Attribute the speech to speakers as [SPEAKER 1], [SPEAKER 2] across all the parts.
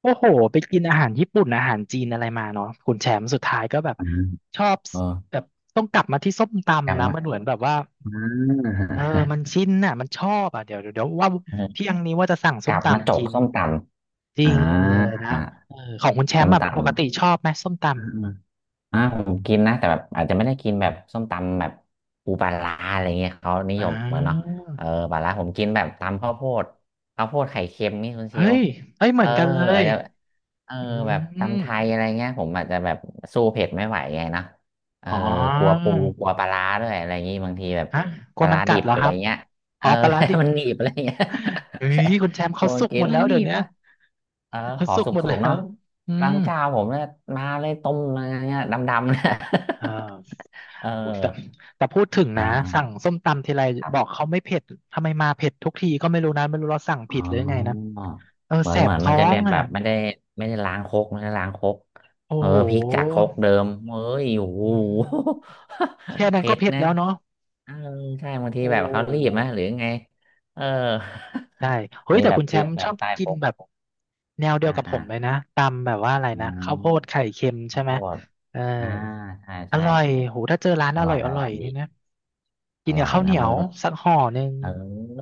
[SPEAKER 1] โอ้โหไปกินอาหารญี่ปุ่นอาหารจีนอะไรมาเนาะคุณแชมป์สุดท้ายก็แบบ
[SPEAKER 2] อ่า
[SPEAKER 1] ชอบ
[SPEAKER 2] เออ
[SPEAKER 1] แบบต้องกลับมาที่ส้มตำนะ
[SPEAKER 2] กำมะ
[SPEAKER 1] มันเหมือนแบบว่า
[SPEAKER 2] อ่า
[SPEAKER 1] เออมันชินน่ะมันชอบอ่ะเดี๋ยวว่า เที่
[SPEAKER 2] อ
[SPEAKER 1] ยงนี้ว่าจะสั่งส้ม
[SPEAKER 2] กับมาจ
[SPEAKER 1] ตำ
[SPEAKER 2] ก
[SPEAKER 1] กิน
[SPEAKER 2] ส้มต
[SPEAKER 1] จ
[SPEAKER 2] ำ
[SPEAKER 1] ริ
[SPEAKER 2] อ่า
[SPEAKER 1] งเลยนะ
[SPEAKER 2] อ่า
[SPEAKER 1] เออของคุณแช
[SPEAKER 2] ำส้
[SPEAKER 1] ม
[SPEAKER 2] ม
[SPEAKER 1] ป์อะ
[SPEAKER 2] ต
[SPEAKER 1] ปกติชอบไหมส้มต
[SPEAKER 2] ำอ่า อ่าผมกินนะแต่แบบอาจจะไม่ได้กินแบบส้มตำแบบปูปลาร้าอะไรเงี้ยเขานิ
[SPEAKER 1] ำอ๋
[SPEAKER 2] ยมเหมือนเนาะ
[SPEAKER 1] อ
[SPEAKER 2] เออปลาร้าผมกินแบบตำข้าวโพดข้าวโพดไข่เค็มนี่คุณเช
[SPEAKER 1] เฮ้
[SPEAKER 2] ล
[SPEAKER 1] ยเฮ้ยเห
[SPEAKER 2] เอ
[SPEAKER 1] มือ
[SPEAKER 2] อ
[SPEAKER 1] นกันเล
[SPEAKER 2] อา
[SPEAKER 1] ย
[SPEAKER 2] จจะเออ
[SPEAKER 1] อื
[SPEAKER 2] แบบ
[SPEAKER 1] ม
[SPEAKER 2] ตำไทยอะไรเงี้ยผมอาจจะแบบสู้เผ็ดไม่ไหวไงเนาะเออ
[SPEAKER 1] อ๋อ
[SPEAKER 2] กลัวปูกลัวปลาร้าด้วยอะไรอย่างงี้บางทีแบบ
[SPEAKER 1] ฮะกลั
[SPEAKER 2] ป
[SPEAKER 1] ว
[SPEAKER 2] ลา
[SPEAKER 1] มัน
[SPEAKER 2] ร้า
[SPEAKER 1] กั
[SPEAKER 2] ดิ
[SPEAKER 1] ด
[SPEAKER 2] บ
[SPEAKER 1] เหรอ
[SPEAKER 2] อะ
[SPEAKER 1] ค
[SPEAKER 2] ไร
[SPEAKER 1] รับ
[SPEAKER 2] เงี้ยเอ
[SPEAKER 1] อ๋อ
[SPEAKER 2] อ
[SPEAKER 1] ปลาร้าดิบ
[SPEAKER 2] มันหนีบอะไรเงี้ย
[SPEAKER 1] เฮ้
[SPEAKER 2] ใช่
[SPEAKER 1] ยคุณแชมป์
[SPEAKER 2] ก
[SPEAKER 1] เขา
[SPEAKER 2] ลัว
[SPEAKER 1] สุก
[SPEAKER 2] กิ
[SPEAKER 1] ห
[SPEAKER 2] น
[SPEAKER 1] มด
[SPEAKER 2] แล้
[SPEAKER 1] แล้
[SPEAKER 2] ว
[SPEAKER 1] ว
[SPEAKER 2] หนี
[SPEAKER 1] เดี๋ยว
[SPEAKER 2] บ
[SPEAKER 1] เนี้ย
[SPEAKER 2] อ่ะ เออ
[SPEAKER 1] เขา
[SPEAKER 2] ขอ
[SPEAKER 1] สุก
[SPEAKER 2] ส
[SPEAKER 1] หมด
[SPEAKER 2] ุ
[SPEAKER 1] แล้
[SPEAKER 2] กๆเนาะ
[SPEAKER 1] ว อื
[SPEAKER 2] บา
[SPEAKER 1] ม
[SPEAKER 2] งเจ้าผมเนี่ยมาเลยต้มอะไรเงี้ยดำๆเนี่ย
[SPEAKER 1] อ่า
[SPEAKER 2] เออ
[SPEAKER 1] โอ้ยแต่พูดถึง
[SPEAKER 2] อ
[SPEAKER 1] นะสั่
[SPEAKER 2] ่า
[SPEAKER 1] งส้มตำทีไร
[SPEAKER 2] ๆครั
[SPEAKER 1] บอก
[SPEAKER 2] บ
[SPEAKER 1] เขาไม่เผ็ดทำไมมาเผ็ดทุกทีก็ไม่รู้นะไม่รู้เราสั่ง
[SPEAKER 2] อ๋
[SPEAKER 1] ผิ
[SPEAKER 2] อ
[SPEAKER 1] ดหรือยังไงนะเออ
[SPEAKER 2] เหมือ
[SPEAKER 1] แส
[SPEAKER 2] นเห
[SPEAKER 1] บ
[SPEAKER 2] มือนมั
[SPEAKER 1] ท้อ
[SPEAKER 2] นจะแบ
[SPEAKER 1] ง
[SPEAKER 2] บ
[SPEAKER 1] อ่ะ
[SPEAKER 2] แบบไม่ได้ไม่ได้ล้างครกไม่ได้ล้างครก
[SPEAKER 1] โอ้
[SPEAKER 2] เออ
[SPEAKER 1] โห
[SPEAKER 2] พริกจากครกเดิมเอ้ยโอ้โห
[SPEAKER 1] อืมแค่ นั้น
[SPEAKER 2] เผ็
[SPEAKER 1] ก็
[SPEAKER 2] ด
[SPEAKER 1] เผ็ด
[SPEAKER 2] นะ
[SPEAKER 1] แล้วเนาะ
[SPEAKER 2] เออใช่บางที
[SPEAKER 1] โอ้
[SPEAKER 2] แบบ
[SPEAKER 1] โห
[SPEAKER 2] เขารีบไหมหรือไงเออ
[SPEAKER 1] ใช่เฮ้ ย
[SPEAKER 2] มี
[SPEAKER 1] แต่
[SPEAKER 2] แบบ
[SPEAKER 1] คุณ
[SPEAKER 2] พ
[SPEAKER 1] แช
[SPEAKER 2] ริก
[SPEAKER 1] มป์
[SPEAKER 2] แบ
[SPEAKER 1] ชอ
[SPEAKER 2] บ
[SPEAKER 1] บ
[SPEAKER 2] ใต้
[SPEAKER 1] กิ
[SPEAKER 2] ค
[SPEAKER 1] น
[SPEAKER 2] รก
[SPEAKER 1] แบบแนวเดีย
[SPEAKER 2] อ่า
[SPEAKER 1] วกับผ
[SPEAKER 2] อ่า
[SPEAKER 1] มเลยนะตำแบบว่าอะไร
[SPEAKER 2] อื
[SPEAKER 1] นะข้าว
[SPEAKER 2] ม
[SPEAKER 1] โพดไข่เค็มใช่
[SPEAKER 2] ข้าวโพ
[SPEAKER 1] ไหม
[SPEAKER 2] ด
[SPEAKER 1] เออ
[SPEAKER 2] อ่าใช่
[SPEAKER 1] อ
[SPEAKER 2] ใช่
[SPEAKER 1] ร่อยโหถ้าเจอร้าน
[SPEAKER 2] อ
[SPEAKER 1] อร่
[SPEAKER 2] ร่
[SPEAKER 1] อ
[SPEAKER 2] อ
[SPEAKER 1] ย
[SPEAKER 2] ย
[SPEAKER 1] อ
[SPEAKER 2] อ
[SPEAKER 1] ร่
[SPEAKER 2] ร่
[SPEAKER 1] อ
[SPEAKER 2] อ
[SPEAKER 1] ย
[SPEAKER 2] ย
[SPEAKER 1] นี่
[SPEAKER 2] ดี
[SPEAKER 1] นะกิ
[SPEAKER 2] อ
[SPEAKER 1] นกั
[SPEAKER 2] ร่
[SPEAKER 1] บ
[SPEAKER 2] อย
[SPEAKER 1] ข้าวเห
[SPEAKER 2] นะ
[SPEAKER 1] นีย
[SPEAKER 2] มัน
[SPEAKER 1] วสักห่อหนึ่ง
[SPEAKER 2] เออ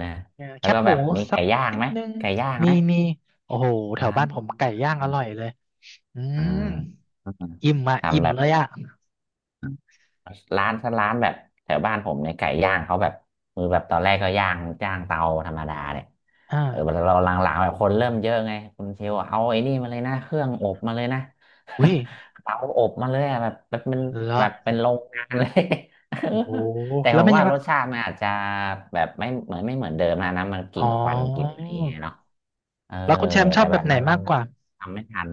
[SPEAKER 2] นะ
[SPEAKER 1] เออแค
[SPEAKER 2] แล้ว
[SPEAKER 1] บ
[SPEAKER 2] ก็
[SPEAKER 1] ห
[SPEAKER 2] แบ
[SPEAKER 1] มู
[SPEAKER 2] บมี
[SPEAKER 1] สัก
[SPEAKER 2] ไก่ย่าง
[SPEAKER 1] นิด
[SPEAKER 2] ไหม
[SPEAKER 1] นึง
[SPEAKER 2] ไก่ย่าง
[SPEAKER 1] มี
[SPEAKER 2] ไหม
[SPEAKER 1] โอ้โหแถว
[SPEAKER 2] ร้า
[SPEAKER 1] บ้า
[SPEAKER 2] น
[SPEAKER 1] นผมไก่ย่างอร่อยเลยอื
[SPEAKER 2] อ่
[SPEAKER 1] ม
[SPEAKER 2] า
[SPEAKER 1] อิ่มอ่ะอิ่
[SPEAKER 2] ทำ
[SPEAKER 1] ม
[SPEAKER 2] แบบ
[SPEAKER 1] เลยอ่ะ
[SPEAKER 2] ร้านถ้าร้านแบบแถวบ้านผมเนี่ยไก่ย่างเขาแบบมือแบบตอนแรกก็ย่างย่างเตาธรรมดาเนี่ย
[SPEAKER 1] อ่า
[SPEAKER 2] เออเราหลังๆแบบคนเริ่มเยอะไงคุณเชลเอาไอ้นี่มาเลยนะเครื่องอบมาเลยนะ
[SPEAKER 1] อุ้ย
[SPEAKER 2] เตาอบมาเลยอะแบบแบบเป็น
[SPEAKER 1] เหร
[SPEAKER 2] แบบเป็น
[SPEAKER 1] อ
[SPEAKER 2] โรงงานเลย เออ
[SPEAKER 1] โอ้โห
[SPEAKER 2] แต่
[SPEAKER 1] แล้
[SPEAKER 2] ผ
[SPEAKER 1] ว
[SPEAKER 2] ม
[SPEAKER 1] ไม่ยั
[SPEAKER 2] ว่า
[SPEAKER 1] ง
[SPEAKER 2] รสชาติมันอาจจะแบบไม่เหมือนไม่เหมือนเดิมนะนะมันก
[SPEAKER 1] อ๋อ
[SPEAKER 2] ลิ่นควันกลิ่นอะไรอย่างเงี้ยเนาะเออ
[SPEAKER 1] แล้วคุณแชมป์ชอ
[SPEAKER 2] แต่
[SPEAKER 1] บแบ
[SPEAKER 2] แบ
[SPEAKER 1] บ
[SPEAKER 2] บ
[SPEAKER 1] ไหน
[SPEAKER 2] มัน
[SPEAKER 1] มากกว่า
[SPEAKER 2] ทำไม่ทัน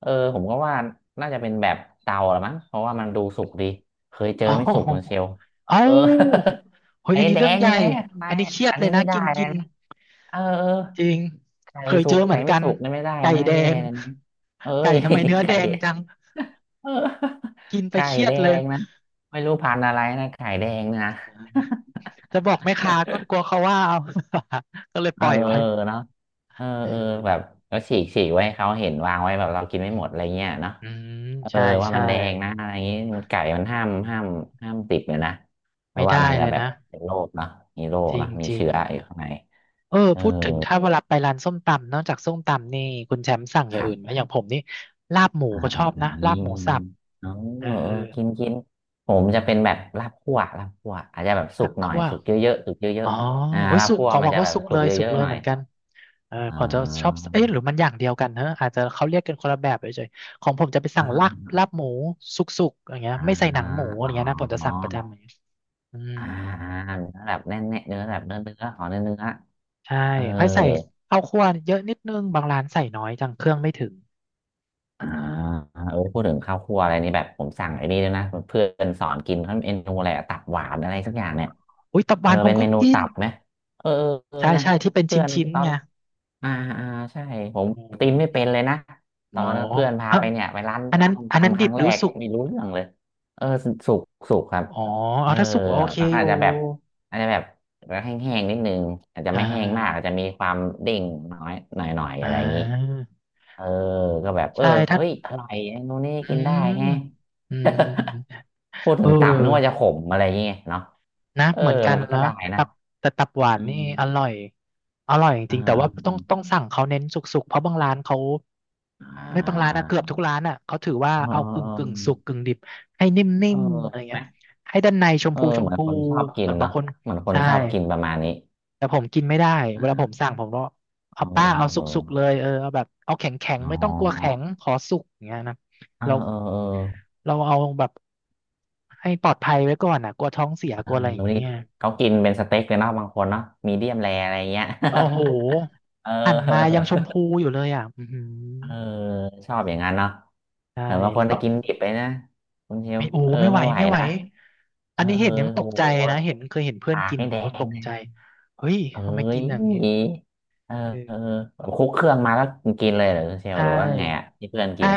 [SPEAKER 2] เออผมก็ว่าน่าจะเป็นแบบเตาละมั้งเพราะว่ามันดูสุกดีเคยเจอ
[SPEAKER 1] อ๋
[SPEAKER 2] ไม่สุกเหมือนเชล
[SPEAKER 1] อ
[SPEAKER 2] ล์
[SPEAKER 1] เอ้า
[SPEAKER 2] เออ
[SPEAKER 1] เฮ้ย
[SPEAKER 2] ไอ้
[SPEAKER 1] อันนี้
[SPEAKER 2] แด
[SPEAKER 1] เรื่อง
[SPEAKER 2] ง
[SPEAKER 1] ใหญ่
[SPEAKER 2] เลยทำไม
[SPEAKER 1] อันนี้เครียด
[SPEAKER 2] อัน
[SPEAKER 1] เล
[SPEAKER 2] นี้
[SPEAKER 1] ยนะ
[SPEAKER 2] ไม่ได้
[SPEAKER 1] กิน
[SPEAKER 2] เล
[SPEAKER 1] กิ
[SPEAKER 2] ย
[SPEAKER 1] น
[SPEAKER 2] นะเออเออ
[SPEAKER 1] จริง
[SPEAKER 2] ไก่
[SPEAKER 1] เคย
[SPEAKER 2] สุ
[SPEAKER 1] เจ
[SPEAKER 2] ก
[SPEAKER 1] อเหมื
[SPEAKER 2] ไก่
[SPEAKER 1] อน
[SPEAKER 2] ไม่
[SPEAKER 1] กัน
[SPEAKER 2] สุกนี่ไม่ได้
[SPEAKER 1] ไก่
[SPEAKER 2] นะ
[SPEAKER 1] แด
[SPEAKER 2] แย่
[SPEAKER 1] ง
[SPEAKER 2] เลยนะเอ้
[SPEAKER 1] ไก่
[SPEAKER 2] ย
[SPEAKER 1] ทำไมเนื้อ แด
[SPEAKER 2] ไก่
[SPEAKER 1] งจัง
[SPEAKER 2] เออ
[SPEAKER 1] กิน ไป
[SPEAKER 2] ไก่
[SPEAKER 1] เครีย
[SPEAKER 2] แด
[SPEAKER 1] ดเลย
[SPEAKER 2] งนะไม่รู้พันธุ์อะไรนะไก่แดงนะ
[SPEAKER 1] จะบอกแม่ค้าก็กลัวเขาว่าเอา ก็เลย ป
[SPEAKER 2] เออ
[SPEAKER 1] ล่อยไว้
[SPEAKER 2] เนาะเออ
[SPEAKER 1] เอ
[SPEAKER 2] เออแบบ
[SPEAKER 1] อ
[SPEAKER 2] แล้วฉีกฉีกไว้ให้เขาเห็นวางไว้แบบเรากินไม่หมดอะไรเงี้ยเนาะ
[SPEAKER 1] อืม
[SPEAKER 2] เออ
[SPEAKER 1] ใช่
[SPEAKER 2] ว่า
[SPEAKER 1] ใช่
[SPEAKER 2] มันแดงนะอะไรอย่างนี้มันไก่มัน
[SPEAKER 1] อื
[SPEAKER 2] ห้ามห้าม
[SPEAKER 1] ม
[SPEAKER 2] ห้ามติดเลยนะเพ
[SPEAKER 1] ไม่
[SPEAKER 2] ราะว่า
[SPEAKER 1] ได้
[SPEAKER 2] มัน
[SPEAKER 1] เล
[SPEAKER 2] จะ
[SPEAKER 1] ย
[SPEAKER 2] แบบ
[SPEAKER 1] นะ
[SPEAKER 2] เป็นโรคเนาะมีโรค
[SPEAKER 1] จริ
[SPEAKER 2] เนาะ
[SPEAKER 1] ง
[SPEAKER 2] มี
[SPEAKER 1] จริง
[SPEAKER 2] เชื้ออยู่ข้างใน
[SPEAKER 1] เออ
[SPEAKER 2] เออ
[SPEAKER 1] พูดถึงถ้าเวลาไปร้านส้มตำนอกจากส้มตำนี่คุณแชมป์สั่งอ
[SPEAKER 2] ค
[SPEAKER 1] ย่าง
[SPEAKER 2] รั
[SPEAKER 1] อื่นไหม
[SPEAKER 2] บ
[SPEAKER 1] อย่างผมนี่ลาบหมู
[SPEAKER 2] อ่า
[SPEAKER 1] ก็ช
[SPEAKER 2] อ่า
[SPEAKER 1] อบ
[SPEAKER 2] อั
[SPEAKER 1] นะ
[SPEAKER 2] น
[SPEAKER 1] ลา
[SPEAKER 2] นี้
[SPEAKER 1] บหมูสั
[SPEAKER 2] มี
[SPEAKER 1] บ
[SPEAKER 2] เออ
[SPEAKER 1] เออ
[SPEAKER 2] เออกินกินผมจะเป็นแบบลาบคั่วลาบคั่วอาจจะแบบสุ
[SPEAKER 1] ลา
[SPEAKER 2] ก
[SPEAKER 1] บ
[SPEAKER 2] หน่อย
[SPEAKER 1] คั่ว
[SPEAKER 2] สุกเยอะๆสุกเย
[SPEAKER 1] อ๋
[SPEAKER 2] อะ
[SPEAKER 1] อ
[SPEAKER 2] ๆอ่า
[SPEAKER 1] โอ้ย
[SPEAKER 2] ลาบ
[SPEAKER 1] สุก
[SPEAKER 2] คั่ว
[SPEAKER 1] ของ
[SPEAKER 2] มั
[SPEAKER 1] ผ
[SPEAKER 2] น
[SPEAKER 1] ม
[SPEAKER 2] จะ
[SPEAKER 1] ก็
[SPEAKER 2] แบบ
[SPEAKER 1] สุก
[SPEAKER 2] สุ
[SPEAKER 1] เล
[SPEAKER 2] ก
[SPEAKER 1] ย
[SPEAKER 2] เย
[SPEAKER 1] สุก
[SPEAKER 2] อะ
[SPEAKER 1] เล
[SPEAKER 2] ๆห
[SPEAKER 1] ย
[SPEAKER 2] น่อ
[SPEAKER 1] เห
[SPEAKER 2] ย
[SPEAKER 1] มือนกันเออ
[SPEAKER 2] อ่
[SPEAKER 1] ผมจะชอบ
[SPEAKER 2] า
[SPEAKER 1] เอ๊ะหรือมันอย่างเดียวกันเนอะอาจจะเขาเรียกกันคนละแบบเฉยๆของผมจะไปสั่งลาบ
[SPEAKER 2] อ่า
[SPEAKER 1] ลาบหมูสุกๆอย่างเงี้ย
[SPEAKER 2] อ
[SPEAKER 1] ไม่ใส่หนังหมู
[SPEAKER 2] อ
[SPEAKER 1] อ
[SPEAKER 2] อ๋
[SPEAKER 1] ย่างเงี้ยนะผมจะ
[SPEAKER 2] อ
[SPEAKER 1] สั่งประจำอย่างเงี้ยอืม
[SPEAKER 2] อ่าอ่าเนื้อแบบแน่นๆเนื้อแบบเนื้อเนื้อขอเนื้อเนื้อ
[SPEAKER 1] ใช่
[SPEAKER 2] เออ
[SPEAKER 1] ค่อยใส่ข้าวคั่วเยอะนิดนึงบางร้านใส่น้อยจังเครื่องไม่ถึง
[SPEAKER 2] อ่าเออพูดถึงข้าวคั่วอะไรนี่แบบผมสั่งไอ้นี่ด้วยนะเพื่อนสอนกินเขาเมนูอะไรอะตับหวานอะไรสักอย่างเนี่ย
[SPEAKER 1] อุ้ยตับห
[SPEAKER 2] เอ
[SPEAKER 1] วา
[SPEAKER 2] อ
[SPEAKER 1] นผม
[SPEAKER 2] เป็น
[SPEAKER 1] ก็
[SPEAKER 2] เมนู
[SPEAKER 1] กิน
[SPEAKER 2] ตับไหมเออเออเออ
[SPEAKER 1] ใช่
[SPEAKER 2] นะ
[SPEAKER 1] ใช่ที่เป็นช
[SPEAKER 2] เพื่อน
[SPEAKER 1] ิ้น
[SPEAKER 2] ตอ
[SPEAKER 1] ๆไง
[SPEAKER 2] นอ่าอ่าใช่ผม
[SPEAKER 1] อ
[SPEAKER 2] ตีนไม่
[SPEAKER 1] ืม
[SPEAKER 2] เป็นเลยนะต
[SPEAKER 1] อ๋
[SPEAKER 2] อ
[SPEAKER 1] อ
[SPEAKER 2] นนั้นเพื่อนพา
[SPEAKER 1] อ่ะ
[SPEAKER 2] ไปเนี่ยไปร้าน
[SPEAKER 1] อันนั้น
[SPEAKER 2] ส้ม
[SPEAKER 1] อันนั้น
[SPEAKER 2] ตำค
[SPEAKER 1] ดิ
[SPEAKER 2] รั้
[SPEAKER 1] บ
[SPEAKER 2] ง
[SPEAKER 1] ห
[SPEAKER 2] แร
[SPEAKER 1] รือ
[SPEAKER 2] ก
[SPEAKER 1] สุก
[SPEAKER 2] ไม่รู้เรื่องเลยเออสุกสุกครับ
[SPEAKER 1] อ๋อ
[SPEAKER 2] เอ
[SPEAKER 1] เอา
[SPEAKER 2] อ
[SPEAKER 1] ถ้าสุกโอเคอ
[SPEAKER 2] อาจ
[SPEAKER 1] ยู่
[SPEAKER 2] จะแบบอาจจะแบบแห้งๆนิดนึงอาจจะ
[SPEAKER 1] อ่
[SPEAKER 2] ไม่แห้งมากอา
[SPEAKER 1] า
[SPEAKER 2] จจะมีความเด้งน้อยหน่อยๆ
[SPEAKER 1] อ่
[SPEAKER 2] อะไรอย่างนี้
[SPEAKER 1] า
[SPEAKER 2] เออก็แบบเออ
[SPEAKER 1] ใช่ถ้า
[SPEAKER 2] เฮ้ยอร่อยโน่นนี่
[SPEAKER 1] อื
[SPEAKER 2] กินได้
[SPEAKER 1] ม
[SPEAKER 2] แฮะ
[SPEAKER 1] อืม
[SPEAKER 2] พูดถึ
[SPEAKER 1] เอ
[SPEAKER 2] งตับนึก
[SPEAKER 1] อ
[SPEAKER 2] ว่าจะขมอะไรอย่างเงี้ยเนาะ
[SPEAKER 1] นะ
[SPEAKER 2] เออ
[SPEAKER 1] เหมือนกั
[SPEAKER 2] มั
[SPEAKER 1] น
[SPEAKER 2] นก็
[SPEAKER 1] นะ
[SPEAKER 2] ได้นะ
[SPEAKER 1] ตับแต่ตับห
[SPEAKER 2] อื
[SPEAKER 1] วาน
[SPEAKER 2] ม
[SPEAKER 1] นี่อร่
[SPEAKER 2] อ
[SPEAKER 1] อย อร่อยจริ
[SPEAKER 2] ่า
[SPEAKER 1] งๆแต่ว่าต้องสั่งเขาเน้นสุกๆ เพราะบางร้านเขา
[SPEAKER 2] อ่
[SPEAKER 1] ไม่บางร้าน
[SPEAKER 2] า
[SPEAKER 1] อะเกือบทุกร้านอะเขาถือว่า
[SPEAKER 2] เออ
[SPEAKER 1] เอากึ่
[SPEAKER 2] เอ
[SPEAKER 1] งกึ่งสุก
[SPEAKER 2] อ
[SPEAKER 1] กึ่งดิบให้นิ่
[SPEAKER 2] เออ
[SPEAKER 1] มๆอะไร
[SPEAKER 2] ไหม
[SPEAKER 1] เงี้ยให้ด้านในชม
[SPEAKER 2] เออ
[SPEAKER 1] พูช
[SPEAKER 2] เห
[SPEAKER 1] ม
[SPEAKER 2] มือน
[SPEAKER 1] พู
[SPEAKER 2] คนชอบกิ
[SPEAKER 1] แบ
[SPEAKER 2] น
[SPEAKER 1] บบาง
[SPEAKER 2] เนาะ
[SPEAKER 1] คน
[SPEAKER 2] เหมือนคน
[SPEAKER 1] ใช่
[SPEAKER 2] ชอบกินประมาณนี้
[SPEAKER 1] แต่ผมกินไม่ได้
[SPEAKER 2] อ่
[SPEAKER 1] เวลาผม
[SPEAKER 2] า
[SPEAKER 1] สั่งผมก็
[SPEAKER 2] เอ
[SPEAKER 1] เอา
[SPEAKER 2] อ
[SPEAKER 1] ป้าเอา
[SPEAKER 2] เออ
[SPEAKER 1] สุกๆเลยเออเอาแบบเอาแข็งแข็ง
[SPEAKER 2] อ๋
[SPEAKER 1] ไม่ต้องกลัวแข็
[SPEAKER 2] อ
[SPEAKER 1] งขอสุกอย่างเงี้ยนะ
[SPEAKER 2] เออ
[SPEAKER 1] เรา
[SPEAKER 2] เออเออ
[SPEAKER 1] เอาแบบให้ปลอดภัยไว้ก่อนอ่ะกลัวท้องเสีย
[SPEAKER 2] เอ
[SPEAKER 1] ก
[SPEAKER 2] อ
[SPEAKER 1] ลัวอะไรอย่า
[SPEAKER 2] เดี
[SPEAKER 1] งเงี้
[SPEAKER 2] นี้
[SPEAKER 1] ย
[SPEAKER 2] เขากินเป็นสเต็กเลยเนาะบางคนเนาะมีเดียมแรอะไรเงี้ย
[SPEAKER 1] โอ้โห
[SPEAKER 2] เ
[SPEAKER 1] หั่นมายังชม
[SPEAKER 2] ออ
[SPEAKER 1] พูอยู่เลยอ่ะอือหือ
[SPEAKER 2] เออชอบอย่างนั้นเนาะ
[SPEAKER 1] ใช่
[SPEAKER 2] เหมือนบางค
[SPEAKER 1] แล้
[SPEAKER 2] น
[SPEAKER 1] วต้
[SPEAKER 2] จะ
[SPEAKER 1] อง
[SPEAKER 2] กินดิบไปนะคุณเชล
[SPEAKER 1] ไม่โอ้
[SPEAKER 2] เออ
[SPEAKER 1] ไม่ไหว
[SPEAKER 2] ไม่ไหว
[SPEAKER 1] ไม่ไหว
[SPEAKER 2] นะเอ
[SPEAKER 1] อั
[SPEAKER 2] อ
[SPEAKER 1] นนี้
[SPEAKER 2] เอ
[SPEAKER 1] เห็
[SPEAKER 2] อ
[SPEAKER 1] นยังต
[SPEAKER 2] โห
[SPEAKER 1] กใจนะเห็นเคยเห็นเพื่อน
[SPEAKER 2] ปาก
[SPEAKER 1] กิน
[SPEAKER 2] ให้แด
[SPEAKER 1] โหต
[SPEAKER 2] ง
[SPEAKER 1] ก
[SPEAKER 2] เลย
[SPEAKER 1] ใจเฮ้ย
[SPEAKER 2] เอ้
[SPEAKER 1] ทำไมกิน
[SPEAKER 2] ย
[SPEAKER 1] อย่างนี้
[SPEAKER 2] เออเออ
[SPEAKER 1] เออ
[SPEAKER 2] แบบคลุกเครื่องมาแล้วกินเลยเหรอคุณเชล
[SPEAKER 1] ใช่
[SPEAKER 2] หรือว่าไงอ่ะที่เพื่อนกิ
[SPEAKER 1] ใช่
[SPEAKER 2] น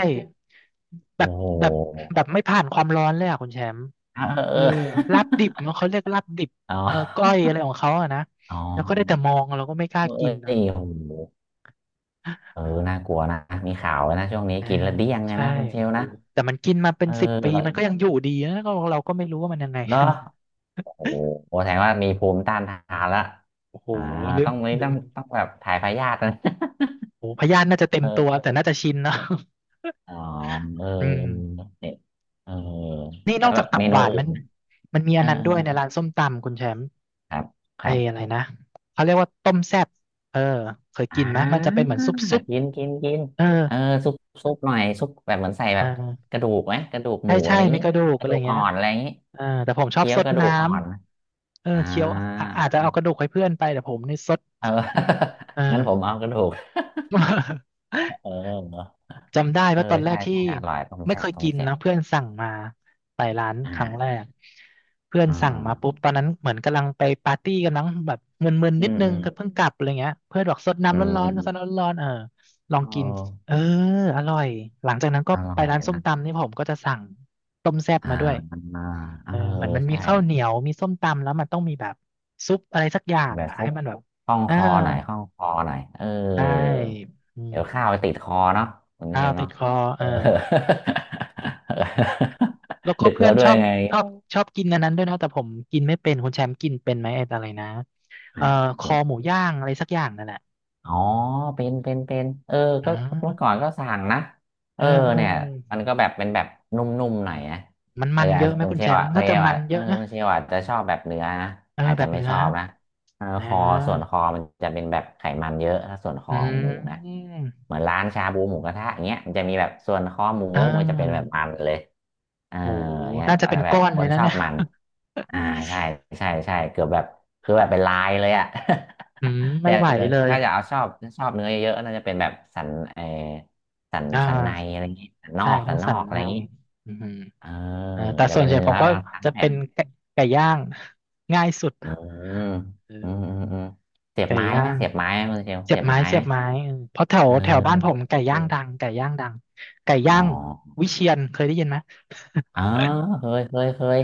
[SPEAKER 1] แบ
[SPEAKER 2] โอ้
[SPEAKER 1] บ
[SPEAKER 2] โห
[SPEAKER 1] แบบแบบไม่ผ่านความร้อนเลยอ่ะคุณแชมป์
[SPEAKER 2] เออ
[SPEAKER 1] เอ
[SPEAKER 2] เอ
[SPEAKER 1] อลาบ
[SPEAKER 2] อ
[SPEAKER 1] ดิบเนาะเขาเรียกลาบดิบ
[SPEAKER 2] เอออ๋
[SPEAKER 1] เออก้อย
[SPEAKER 2] อ
[SPEAKER 1] อะไรของเขาอะนะ
[SPEAKER 2] อ๋อ
[SPEAKER 1] แล้วก็ได้แต่มองเราก็ไม่กล้า
[SPEAKER 2] เอ้
[SPEAKER 1] กินนะ
[SPEAKER 2] ยโอ้โหเออน่ากลัวนะมีข่าวไว้นะช่วงนี้
[SPEAKER 1] เออ
[SPEAKER 2] กินแล้วเดี้ยงเลย
[SPEAKER 1] ใช่
[SPEAKER 2] นะคุณเชล
[SPEAKER 1] โอ้
[SPEAKER 2] นะ
[SPEAKER 1] แต่มันกินมาเป็
[SPEAKER 2] เอ
[SPEAKER 1] น
[SPEAKER 2] อ
[SPEAKER 1] สิบปีมันก็
[SPEAKER 2] เ
[SPEAKER 1] ยังอยู่ดีนะก็เราก็ไม่รู้ว่ามันยังไง
[SPEAKER 2] หรอ โอ้โหแสดงว่ามีภูมิต้านทานละ
[SPEAKER 1] โอ้โห
[SPEAKER 2] อ่า
[SPEAKER 1] ลื
[SPEAKER 2] ต้
[SPEAKER 1] ม
[SPEAKER 2] องนี่
[SPEAKER 1] ลื
[SPEAKER 2] ต้อ
[SPEAKER 1] ม
[SPEAKER 2] งต้องแบบถ่ายพยาธินะ
[SPEAKER 1] โอ้โหพยาธิน่าจะ เต็
[SPEAKER 2] เอ
[SPEAKER 1] ม
[SPEAKER 2] อ
[SPEAKER 1] ตัวแต่น่าจะชินเนอะ
[SPEAKER 2] อ๋อเออ
[SPEAKER 1] อืม
[SPEAKER 2] เนี่ยเออ
[SPEAKER 1] นี่น
[SPEAKER 2] แล้
[SPEAKER 1] อ
[SPEAKER 2] ว
[SPEAKER 1] ก
[SPEAKER 2] แบ
[SPEAKER 1] จาก
[SPEAKER 2] บ
[SPEAKER 1] ตับ
[SPEAKER 2] เม
[SPEAKER 1] ห
[SPEAKER 2] นู
[SPEAKER 1] วาน
[SPEAKER 2] อื่
[SPEAKER 1] มั
[SPEAKER 2] น
[SPEAKER 1] น
[SPEAKER 2] นะ
[SPEAKER 1] มีอั
[SPEAKER 2] เอ
[SPEAKER 1] น
[SPEAKER 2] อ
[SPEAKER 1] นั้นด้
[SPEAKER 2] เอ
[SPEAKER 1] ว
[SPEAKER 2] อ
[SPEAKER 1] ยในร้านส้มตำคุณแชมป์
[SPEAKER 2] ครับค
[SPEAKER 1] ไอ้
[SPEAKER 2] รั
[SPEAKER 1] อะ
[SPEAKER 2] บ
[SPEAKER 1] ไรนะเขาเรียกว่าต้มแซ่บเออเคย
[SPEAKER 2] อ่
[SPEAKER 1] กินไหมมันจะเป็น
[SPEAKER 2] า
[SPEAKER 1] เหมือนซุป
[SPEAKER 2] กินกินกิน
[SPEAKER 1] เออ
[SPEAKER 2] เออซุปซุปหน่อยซุปแบบเหมือนใส่แบ
[SPEAKER 1] อ่
[SPEAKER 2] บก
[SPEAKER 1] า
[SPEAKER 2] ระดูกไหมกระดูกห
[SPEAKER 1] ใช่
[SPEAKER 2] มูอะ
[SPEAKER 1] ใช่
[SPEAKER 2] ไรอย่าง
[SPEAKER 1] ไม่
[SPEAKER 2] นี้
[SPEAKER 1] กระดูก
[SPEAKER 2] ก
[SPEAKER 1] อะ
[SPEAKER 2] ระ
[SPEAKER 1] ไร
[SPEAKER 2] ดูกอ่
[SPEAKER 1] เงี้
[SPEAKER 2] อ
[SPEAKER 1] ย
[SPEAKER 2] นอะไรอย่างนี้
[SPEAKER 1] เออแต่ผมชอบ
[SPEAKER 2] เคี้ย
[SPEAKER 1] ซ
[SPEAKER 2] ว
[SPEAKER 1] ด
[SPEAKER 2] กระดู
[SPEAKER 1] น้
[SPEAKER 2] กอ่อน
[SPEAKER 1] ำเออ
[SPEAKER 2] อ่า
[SPEAKER 1] เคี้ยวอะอาจจะเอากระดูกให้เพื่อนไปแต่ผมนี่ซด
[SPEAKER 2] เออ
[SPEAKER 1] เอ
[SPEAKER 2] งั้
[SPEAKER 1] อ
[SPEAKER 2] นผมเอากระดูกเออ
[SPEAKER 1] จำได้
[SPEAKER 2] เออ
[SPEAKER 1] ว่าตอนแร
[SPEAKER 2] ใช่
[SPEAKER 1] กที่
[SPEAKER 2] ใช่อร่อยต้ม
[SPEAKER 1] ไม่
[SPEAKER 2] แซ่
[SPEAKER 1] เค
[SPEAKER 2] บ
[SPEAKER 1] ย
[SPEAKER 2] ต้
[SPEAKER 1] กิ
[SPEAKER 2] ม
[SPEAKER 1] น
[SPEAKER 2] แซ่บ
[SPEAKER 1] นะเพื่อนสั่งมาไปร้าน
[SPEAKER 2] อ
[SPEAKER 1] ครั้งแร
[SPEAKER 2] ่า
[SPEAKER 1] กเพื่อน
[SPEAKER 2] อื
[SPEAKER 1] สั่ง
[SPEAKER 2] ม
[SPEAKER 1] มาปุ๊บตอนนั้นเหมือนกำลังไปปาร์ตี้กันมั้งแบบมึนๆ
[SPEAKER 2] อื
[SPEAKER 1] นิด
[SPEAKER 2] ม
[SPEAKER 1] นึ
[SPEAKER 2] อื
[SPEAKER 1] ง
[SPEAKER 2] ม
[SPEAKER 1] ก็เพิ่งกลับอะไรเงี้ยเพื่อนบอกสด
[SPEAKER 2] อื
[SPEAKER 1] น้ำ
[SPEAKER 2] ม
[SPEAKER 1] ร้อน
[SPEAKER 2] อื
[SPEAKER 1] ๆสด
[SPEAKER 2] ม
[SPEAKER 1] น้ำร้อนๆเออลอง
[SPEAKER 2] เอ
[SPEAKER 1] กินเออ
[SPEAKER 2] อ
[SPEAKER 1] อร่อย.หลังจากนั้นก็
[SPEAKER 2] เอออร่อ
[SPEAKER 1] ไป
[SPEAKER 2] ย
[SPEAKER 1] ร้านส้ม
[SPEAKER 2] นะ
[SPEAKER 1] ตำนี่ผมก็จะสั่งต้มแซ่บ
[SPEAKER 2] อ่า
[SPEAKER 1] มาด้วย
[SPEAKER 2] อ่าเอ
[SPEAKER 1] เอ
[SPEAKER 2] อ
[SPEAKER 1] อเหมือนมันมี
[SPEAKER 2] ใช่
[SPEAKER 1] ข้าวเหนียวมีส้มตำแล้วมันต้องมีแบบซุปอะไรสักอย่าง
[SPEAKER 2] แบบ
[SPEAKER 1] อ่ะ
[SPEAKER 2] ซุ
[SPEAKER 1] ให้
[SPEAKER 2] ป
[SPEAKER 1] มันแบบ
[SPEAKER 2] คล่อง
[SPEAKER 1] อ่า
[SPEAKER 2] คอหน่อยคล่องคอหน่อยเออ
[SPEAKER 1] ใช่อื
[SPEAKER 2] เดี๋
[SPEAKER 1] ม
[SPEAKER 2] ยวข้าวไปติดคอเนาะคุณเช
[SPEAKER 1] ข้าว
[SPEAKER 2] ม
[SPEAKER 1] ติ
[SPEAKER 2] เนาะ
[SPEAKER 1] ดคอ
[SPEAKER 2] เอ
[SPEAKER 1] เออ
[SPEAKER 2] อ
[SPEAKER 1] แล้ว ก็
[SPEAKER 2] ดึก
[SPEAKER 1] เพื่
[SPEAKER 2] แล้
[SPEAKER 1] อน
[SPEAKER 2] วด้
[SPEAKER 1] ช
[SPEAKER 2] ว
[SPEAKER 1] อ
[SPEAKER 2] ย
[SPEAKER 1] บ
[SPEAKER 2] ไง
[SPEAKER 1] ชอบชอบกินอันนั้นด้วยนะแต่ผมกินไม่เป็นคุณแชมป์กินเป็นไหมไอ้อะไรนะ
[SPEAKER 2] อ่
[SPEAKER 1] เอ่อคอหมู
[SPEAKER 2] า
[SPEAKER 1] ย่างอะไรสักอย่างนั่นแหละ
[SPEAKER 2] อ๋อเป็น
[SPEAKER 1] อ่
[SPEAKER 2] ก็เมื่อ
[SPEAKER 1] า
[SPEAKER 2] ก่อนก็สั่งนะเอ
[SPEAKER 1] เอ
[SPEAKER 2] อ
[SPEAKER 1] อเออ
[SPEAKER 2] เนี่ย
[SPEAKER 1] เออ
[SPEAKER 2] มันก็แบบเป็นแบบนุ่มๆหน่อยนะ
[SPEAKER 1] มัน
[SPEAKER 2] เอ
[SPEAKER 1] มั
[SPEAKER 2] อ
[SPEAKER 1] นเย
[SPEAKER 2] อาจ
[SPEAKER 1] อะ
[SPEAKER 2] จะ
[SPEAKER 1] ไหม
[SPEAKER 2] คุณ
[SPEAKER 1] คุณ
[SPEAKER 2] เช
[SPEAKER 1] แช
[SPEAKER 2] ล
[SPEAKER 1] ม
[SPEAKER 2] อ่ะ
[SPEAKER 1] ป์น่าจะมันเย
[SPEAKER 2] เออ
[SPEAKER 1] อะนะ
[SPEAKER 2] คุณเชลอ่ะจะชอบแบบเนื้อนะ
[SPEAKER 1] เออ
[SPEAKER 2] อาจ
[SPEAKER 1] แบ
[SPEAKER 2] จะ
[SPEAKER 1] บ
[SPEAKER 2] ไม่
[SPEAKER 1] เนื้
[SPEAKER 2] ช
[SPEAKER 1] อ
[SPEAKER 2] อบนะ เออ
[SPEAKER 1] นะ
[SPEAKER 2] คอส่วนคอมันจะเป็นแบบไขมันเยอะถ้าส่วนค
[SPEAKER 1] อื
[SPEAKER 2] อของหมูนะ
[SPEAKER 1] ม
[SPEAKER 2] เหมือนร้านชาบูหมูกระทะอย่างเงี้ยมันจะมีแบบส่วนคอหมู
[SPEAKER 1] อ่
[SPEAKER 2] มันจะเป็นแบบ
[SPEAKER 1] า
[SPEAKER 2] มันเลยเออ
[SPEAKER 1] โห
[SPEAKER 2] เงี้ย
[SPEAKER 1] น่าจะเป็น
[SPEAKER 2] แบ
[SPEAKER 1] ก้
[SPEAKER 2] บ
[SPEAKER 1] อน
[SPEAKER 2] ค
[SPEAKER 1] เลย
[SPEAKER 2] น
[SPEAKER 1] นะ
[SPEAKER 2] ชอบ
[SPEAKER 1] เนี่ย
[SPEAKER 2] มันอ่าใช่ใช่ใช่เกือบแบบ
[SPEAKER 1] โอ
[SPEAKER 2] คือแบบเป็น
[SPEAKER 1] ้
[SPEAKER 2] ลายเลยอะ
[SPEAKER 1] อืม
[SPEAKER 2] แต่
[SPEAKER 1] ไม่ไหวเลย
[SPEAKER 2] ถ้าจะเอาชอบชอบเนื้อเยอะๆน่าจะเป็นแบบสันเออสัน
[SPEAKER 1] อ่
[SPEAKER 2] สันใน
[SPEAKER 1] า
[SPEAKER 2] อะไรอย่างงี้สันนอ
[SPEAKER 1] ใช่
[SPEAKER 2] ก
[SPEAKER 1] ต้
[SPEAKER 2] สั
[SPEAKER 1] อ
[SPEAKER 2] น
[SPEAKER 1] ง
[SPEAKER 2] น
[SPEAKER 1] สั
[SPEAKER 2] อ
[SPEAKER 1] น
[SPEAKER 2] กอะ
[SPEAKER 1] ใน
[SPEAKER 2] ไรอย่างงี้
[SPEAKER 1] อืม
[SPEAKER 2] เออ
[SPEAKER 1] อ่าแต่
[SPEAKER 2] จะ
[SPEAKER 1] ส่วน
[SPEAKER 2] เป็น
[SPEAKER 1] ใหญ่
[SPEAKER 2] เนื้
[SPEAKER 1] ผ
[SPEAKER 2] อ
[SPEAKER 1] มก็
[SPEAKER 2] ทั้ง
[SPEAKER 1] จะ
[SPEAKER 2] แผ่
[SPEAKER 1] เป็น
[SPEAKER 2] น
[SPEAKER 1] ไก่ไก่ย่างง่ายสุด
[SPEAKER 2] เออ
[SPEAKER 1] เอ
[SPEAKER 2] เออ
[SPEAKER 1] อ
[SPEAKER 2] เออเออเสียบ
[SPEAKER 1] ไก่
[SPEAKER 2] ไม้
[SPEAKER 1] ย่า
[SPEAKER 2] ไหม
[SPEAKER 1] ง
[SPEAKER 2] เสียบไม้ไหมคุณเชล
[SPEAKER 1] เสีย
[SPEAKER 2] เสี
[SPEAKER 1] บ
[SPEAKER 2] ยบ
[SPEAKER 1] ไม้
[SPEAKER 2] ไม้
[SPEAKER 1] เสี
[SPEAKER 2] ไหม
[SPEAKER 1] ยบไม้เออเพราะแถว
[SPEAKER 2] เออ
[SPEAKER 1] แถวบ้านผมไก่ย่า
[SPEAKER 2] กิ
[SPEAKER 1] งดัง
[SPEAKER 2] น
[SPEAKER 1] ไก่ย่างดังไก่
[SPEAKER 2] อ๋
[SPEAKER 1] ย่า
[SPEAKER 2] อ
[SPEAKER 1] งวิเชียรเคยได้ยินไหม
[SPEAKER 2] อ๋อเคย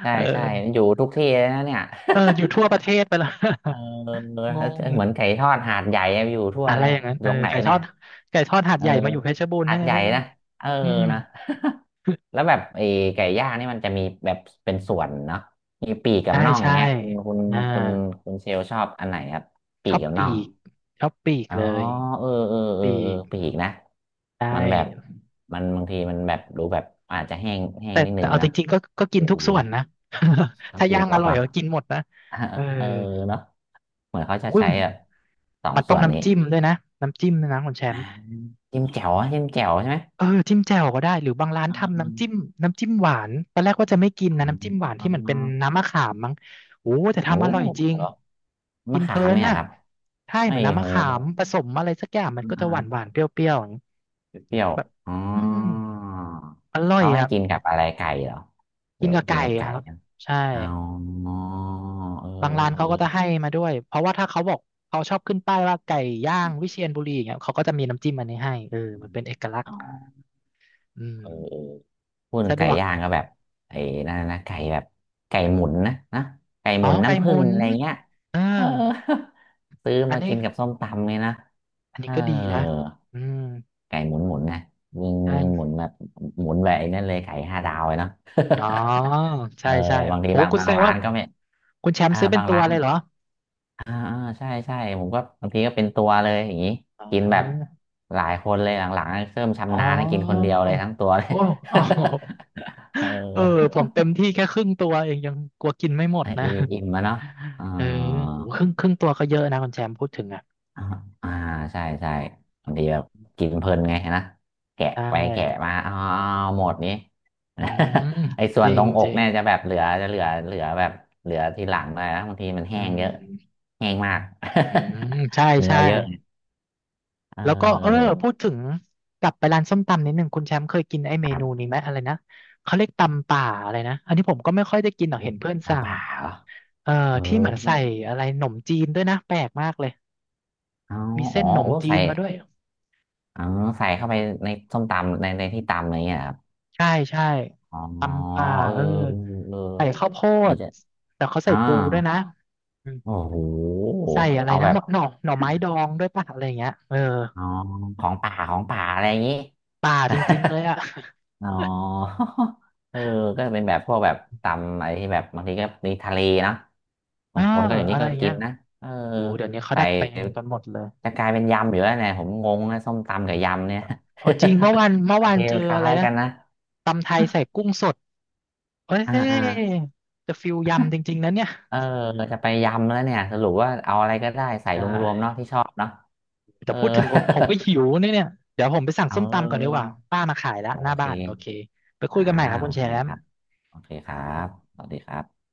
[SPEAKER 2] ใช่
[SPEAKER 1] เออ
[SPEAKER 2] ใช่อยู่ทุกที่เลยนะเนี่ย
[SPEAKER 1] เอออยู่ทั่วประเทศไปแล้ว
[SPEAKER 2] เ ออเห
[SPEAKER 1] งง
[SPEAKER 2] มือนไก่ทอดหาดใหญ่อะอยู่ทั่ว
[SPEAKER 1] อะไร
[SPEAKER 2] เลย
[SPEAKER 1] อย่างนั้น
[SPEAKER 2] อยู่
[SPEAKER 1] เออ
[SPEAKER 2] ตรงไหน
[SPEAKER 1] ไก่ท
[SPEAKER 2] เนี่
[SPEAKER 1] อ
[SPEAKER 2] ย
[SPEAKER 1] ดไก่ทอดหาด
[SPEAKER 2] เออ
[SPEAKER 1] ใหญ่มาอยู่เพชรบูรณ์
[SPEAKER 2] หา
[SPEAKER 1] นั่น
[SPEAKER 2] ด
[SPEAKER 1] ไง
[SPEAKER 2] ใหญ่
[SPEAKER 1] ไม่รู้
[SPEAKER 2] นะ
[SPEAKER 1] นะ
[SPEAKER 2] เออ
[SPEAKER 1] อืม
[SPEAKER 2] นะ แล้ วแบบไอ้ไก่ย่างนี่มันจะมีแบบเป็นส่วนเนาะมีปีกกับ
[SPEAKER 1] ใช่
[SPEAKER 2] น่อง
[SPEAKER 1] ใช่
[SPEAKER 2] เนี้ยคุณคุณ
[SPEAKER 1] อ่า
[SPEAKER 2] คุณคุณเชลชอบอันไหนครับ
[SPEAKER 1] ช
[SPEAKER 2] ปี
[SPEAKER 1] อ
[SPEAKER 2] ก
[SPEAKER 1] บ
[SPEAKER 2] กับน่อ
[SPEAKER 1] ปี
[SPEAKER 2] ง
[SPEAKER 1] กชอบปีก
[SPEAKER 2] อ๋อ
[SPEAKER 1] เลย
[SPEAKER 2] เออเออเออ
[SPEAKER 1] ปี
[SPEAKER 2] เออ
[SPEAKER 1] ก
[SPEAKER 2] ปีกนะ
[SPEAKER 1] ได้
[SPEAKER 2] มันแบบมันบางทีมันแบบดูแบบอาจจะแห้งแห้
[SPEAKER 1] แต่
[SPEAKER 2] งนิดนึ
[SPEAKER 1] แต่
[SPEAKER 2] ง
[SPEAKER 1] เอาจ
[SPEAKER 2] นะ
[SPEAKER 1] ริงๆก็ก็กิ
[SPEAKER 2] เอ
[SPEAKER 1] น
[SPEAKER 2] อ
[SPEAKER 1] ทุก
[SPEAKER 2] ดี
[SPEAKER 1] ส่วน
[SPEAKER 2] นะ
[SPEAKER 1] นะ ถ้า
[SPEAKER 2] กิน
[SPEAKER 1] ย่าง
[SPEAKER 2] หม
[SPEAKER 1] อ
[SPEAKER 2] ด
[SPEAKER 1] ร่อย
[SPEAKER 2] เนาะ
[SPEAKER 1] ก็กินหมดนะเออ
[SPEAKER 2] เออเนาะเหมือนเขาจะ
[SPEAKER 1] อุ้ย
[SPEAKER 2] ใช้แบบสอง
[SPEAKER 1] มันต้
[SPEAKER 2] ส่
[SPEAKER 1] อง
[SPEAKER 2] วนนี้
[SPEAKER 1] น้ำจิ้มด้วยนะน้ำจิ้มด้วยนะคุณแช
[SPEAKER 2] อ่า
[SPEAKER 1] มป์
[SPEAKER 2] จิ้มแจ่วอะจิ้มแจ่วใช่ไหม
[SPEAKER 1] เออจิ้มแจ่วก็ได้หรือบางร้าน
[SPEAKER 2] อ่าอ
[SPEAKER 1] ทำน้ำจิ้มน้ำจิ้มหวานตอนแรกว่าจะไม่กิน
[SPEAKER 2] อ่า
[SPEAKER 1] นะน้ำจิ้มหวาน
[SPEAKER 2] อ่า
[SPEAKER 1] ที่เหมือนเป็นน้ำมะขามมั้งโอ้แต่
[SPEAKER 2] โอ้
[SPEAKER 1] ทำอร่อยจริง
[SPEAKER 2] เหรอ
[SPEAKER 1] กิ
[SPEAKER 2] มะ
[SPEAKER 1] นเพ
[SPEAKER 2] ขา
[SPEAKER 1] ลิ
[SPEAKER 2] ม
[SPEAKER 1] น
[SPEAKER 2] เนี่ย
[SPEAKER 1] น่ะ
[SPEAKER 2] ครับ
[SPEAKER 1] ใช่
[SPEAKER 2] ไอ้
[SPEAKER 1] เหมือนน้ำ
[SPEAKER 2] โห
[SPEAKER 1] มะขามผสมอะไรสักอย่างมันก็
[SPEAKER 2] อ่
[SPEAKER 1] จะหวานหวา
[SPEAKER 2] า
[SPEAKER 1] นเปรี้ยวๆอย่างนี้
[SPEAKER 2] เปรี้ยว
[SPEAKER 1] แบบ
[SPEAKER 2] ๆอ๋อ
[SPEAKER 1] อืมอร่อย
[SPEAKER 2] เขาให้
[SPEAKER 1] อ่ะ
[SPEAKER 2] กินกับอะไรไก่เหรอ
[SPEAKER 1] กิ
[SPEAKER 2] เดี๋
[SPEAKER 1] น
[SPEAKER 2] ยว
[SPEAKER 1] กับ
[SPEAKER 2] กิ
[SPEAKER 1] ไก่
[SPEAKER 2] นกับไก่
[SPEAKER 1] ครับ
[SPEAKER 2] นะ
[SPEAKER 1] ใช่
[SPEAKER 2] เอาเออเออ
[SPEAKER 1] บางร้าน
[SPEAKER 2] เอ
[SPEAKER 1] เขาก็จะให้
[SPEAKER 2] อ
[SPEAKER 1] มาด้วยเพราะว่าถ้าเขาบอกเขาชอบขึ้นป้ายว่าไก่ย่างวิเชียรบุรีอย่างเงี้ยเขาก็จะมีน้ำจิ้มอันนี้ให้เออมันเป็นเอกลักษ
[SPEAKER 2] อ๋
[SPEAKER 1] ณ์
[SPEAKER 2] อ
[SPEAKER 1] อืม
[SPEAKER 2] เออพูดถึง
[SPEAKER 1] สะด
[SPEAKER 2] ไก่
[SPEAKER 1] วก
[SPEAKER 2] ย่างก็แบบไอ้นั่นนะไก่แบบไก่หมุนนะไก่ห
[SPEAKER 1] อ๋อ
[SPEAKER 2] มุน
[SPEAKER 1] ไข่
[SPEAKER 2] น้ำ
[SPEAKER 1] ห
[SPEAKER 2] ผึ้
[SPEAKER 1] มุ
[SPEAKER 2] ง
[SPEAKER 1] น
[SPEAKER 2] อะไรเงี้ย
[SPEAKER 1] เออ
[SPEAKER 2] เออ ซื้อ
[SPEAKER 1] อัน
[SPEAKER 2] มา
[SPEAKER 1] นี้
[SPEAKER 2] กินกับส้มตำเลยนะ
[SPEAKER 1] อัน
[SPEAKER 2] เอ
[SPEAKER 1] นี้
[SPEAKER 2] อ
[SPEAKER 1] ก็ดีนะอืม
[SPEAKER 2] ไก่หมุนหมุนนะยิง
[SPEAKER 1] ใช่
[SPEAKER 2] ยิงหมุนแบบหมุนแบบไอ้นั่นเลยไก่ห้าดาวเลยเนาะ
[SPEAKER 1] อ๋อ
[SPEAKER 2] เอ
[SPEAKER 1] ใช่
[SPEAKER 2] อ
[SPEAKER 1] ใช่
[SPEAKER 2] บางที
[SPEAKER 1] โอ้
[SPEAKER 2] บาง
[SPEAKER 1] คุณ
[SPEAKER 2] บา
[SPEAKER 1] แส
[SPEAKER 2] ง
[SPEAKER 1] ดง
[SPEAKER 2] ร้า
[SPEAKER 1] ว่า
[SPEAKER 2] นก็ไม่
[SPEAKER 1] คุณแชม
[SPEAKER 2] อ่า
[SPEAKER 1] ป์ซื้อเป็น
[SPEAKER 2] บาง
[SPEAKER 1] ตัว
[SPEAKER 2] ร้าน
[SPEAKER 1] เลยเหรอ
[SPEAKER 2] อ่าใช่ผมก็บางทีก็เป็นตัวเลยอย่างนี้
[SPEAKER 1] อ๋
[SPEAKER 2] กินแบบ
[SPEAKER 1] อ
[SPEAKER 2] หลายคนเลยหลังๆเริ่ม
[SPEAKER 1] อ๋
[SPEAKER 2] ชำ
[SPEAKER 1] อ
[SPEAKER 2] นาญนะกินคนเดียวเลยทั้งตัวเลย
[SPEAKER 1] โอ้ โอ้
[SPEAKER 2] เอ
[SPEAKER 1] เออ ผ
[SPEAKER 2] อ
[SPEAKER 1] มเต็มที่แค่ครึ่งตัวเองยังกลัวกินไม่หมด
[SPEAKER 2] อ่ะ
[SPEAKER 1] นะ
[SPEAKER 2] อิ่มมาเนาะอ่า
[SPEAKER 1] เออโหครึ่งครึ่งตัวก็เยอะนะคุณแชมป์พูดถึงอ่ะ
[SPEAKER 2] อ่าอ่าใช่ใช่บางทีแบบกินเพลินไงนะแกะ
[SPEAKER 1] ใช
[SPEAKER 2] ไปแกะมา
[SPEAKER 1] ่
[SPEAKER 2] อ้าวหมดนี้
[SPEAKER 1] อืม
[SPEAKER 2] ไอ้ส่
[SPEAKER 1] จ
[SPEAKER 2] วน
[SPEAKER 1] ริ
[SPEAKER 2] ตร
[SPEAKER 1] ง
[SPEAKER 2] งอ
[SPEAKER 1] จ
[SPEAKER 2] ก
[SPEAKER 1] ริง
[SPEAKER 2] เนี่ยจะแบบเหลือจะเหลือแบบเหลือทีหลังเลยนะบางทีมัน
[SPEAKER 1] อื
[SPEAKER 2] แห้งเยอะ
[SPEAKER 1] ม
[SPEAKER 2] แห้งมาก
[SPEAKER 1] อืมใช่
[SPEAKER 2] เนื้อ
[SPEAKER 1] ใช่
[SPEAKER 2] เยอะเอ
[SPEAKER 1] แล้วก็เออ
[SPEAKER 2] อ
[SPEAKER 1] พูดถึงกลับไปร้านส้มตำนิดหนึ่งคุณแชมป์เคยกินไอ้เมนูนี้ไหมอะไรนะเขาเรียกตำป่าอะไรนะอันนี้ผมก็ไม่ค่อยได้กินหรอก
[SPEAKER 2] เฮ้
[SPEAKER 1] เห็
[SPEAKER 2] ย
[SPEAKER 1] นเพื่อนสั่
[SPEAKER 2] น้ำป
[SPEAKER 1] ง
[SPEAKER 2] ลาเหรอ
[SPEAKER 1] เอ่อ
[SPEAKER 2] เออ
[SPEAKER 1] ที่เหมือน
[SPEAKER 2] ไม่
[SPEAKER 1] ใส่อะไรหนมจีนด้วยนะแปลกมากเลย
[SPEAKER 2] เอา
[SPEAKER 1] มี
[SPEAKER 2] อ๋
[SPEAKER 1] เส้
[SPEAKER 2] อ
[SPEAKER 1] นหนม
[SPEAKER 2] โอ้
[SPEAKER 1] จี
[SPEAKER 2] ใส่
[SPEAKER 1] นมาด้วย
[SPEAKER 2] อ๋อ ใส่เข้าไปในส้มตำในที่ตำอะไรเงี้ยเหรอครับ
[SPEAKER 1] ใช่ใช่
[SPEAKER 2] อ๋อ
[SPEAKER 1] ตำป่า
[SPEAKER 2] เออ
[SPEAKER 1] เออ
[SPEAKER 2] เออ
[SPEAKER 1] ใส่ข้าวโพ
[SPEAKER 2] เหมือ
[SPEAKER 1] ด
[SPEAKER 2] นจะ
[SPEAKER 1] แต่เขาใส่
[SPEAKER 2] อ่า
[SPEAKER 1] ปูด้วยนะอืม
[SPEAKER 2] โอ้โห
[SPEAKER 1] ใส่อะไร
[SPEAKER 2] เอา
[SPEAKER 1] นะ
[SPEAKER 2] แบ
[SPEAKER 1] ห
[SPEAKER 2] บ
[SPEAKER 1] น่อหน่อไม้ดองด้วยป่ะอะไรอย่างเงี้ยเออ
[SPEAKER 2] อ๋อ ของป่าอะไรอย่างงี้
[SPEAKER 1] ป่าจริงๆเลยอ่ะ
[SPEAKER 2] อ๋อ เออก็เป็นแบบพวกแบบตำอะไรที่แบบบางทีก็มีทะเลนะ
[SPEAKER 1] เอ
[SPEAKER 2] บา
[SPEAKER 1] อ
[SPEAKER 2] งคนก็อย่าง
[SPEAKER 1] อะ
[SPEAKER 2] นี้
[SPEAKER 1] ไร
[SPEAKER 2] ก็
[SPEAKER 1] อย่างเงี้
[SPEAKER 2] กิ
[SPEAKER 1] ย
[SPEAKER 2] นนะเออ
[SPEAKER 1] โอ้เดี๋ยวนี้เขา
[SPEAKER 2] ใส่
[SPEAKER 1] ดัดแปลงกันหมดเลย
[SPEAKER 2] จะกลายเป็นยำอยู่แล้วเนี่ยผมงงนะส้มตำกับยำเนี่ย
[SPEAKER 1] เอาจริงเมื่อวานเมื่ อ
[SPEAKER 2] โอ
[SPEAKER 1] วาน
[SPEAKER 2] เค
[SPEAKER 1] เจอ
[SPEAKER 2] คล้า
[SPEAKER 1] อะไร
[SPEAKER 2] ย
[SPEAKER 1] นะ
[SPEAKER 2] กันนะ
[SPEAKER 1] ตำไทยใส่กุ้งสดเอ้ย
[SPEAKER 2] อ่า
[SPEAKER 1] จะฟิลยำจริงๆนะเนี่ย
[SPEAKER 2] เออจะไปยำแล้วเนี่ยสรุปว่าเอาอะไรก็ได้ใส่
[SPEAKER 1] ใช
[SPEAKER 2] รวมๆเนาะ
[SPEAKER 1] ่
[SPEAKER 2] ที่ชอบเนาะเอ
[SPEAKER 1] แต่
[SPEAKER 2] อ
[SPEAKER 1] พูดถึงผมก็หิวเนี่ยเดี๋ยวผมไปสั่ง
[SPEAKER 2] เ
[SPEAKER 1] ส้มตำก่อนดีก
[SPEAKER 2] ออ
[SPEAKER 1] ว่าป้ามาขายแล้ว
[SPEAKER 2] โอ
[SPEAKER 1] หน้า
[SPEAKER 2] เค
[SPEAKER 1] บ้านโอเคไปคุ
[SPEAKER 2] อ่า
[SPEAKER 1] ยกันใหม่ครับคุ
[SPEAKER 2] โอ
[SPEAKER 1] ณแช
[SPEAKER 2] เค
[SPEAKER 1] ม
[SPEAKER 2] ค
[SPEAKER 1] ป์
[SPEAKER 2] รับโอเคครับสวัสดีครับ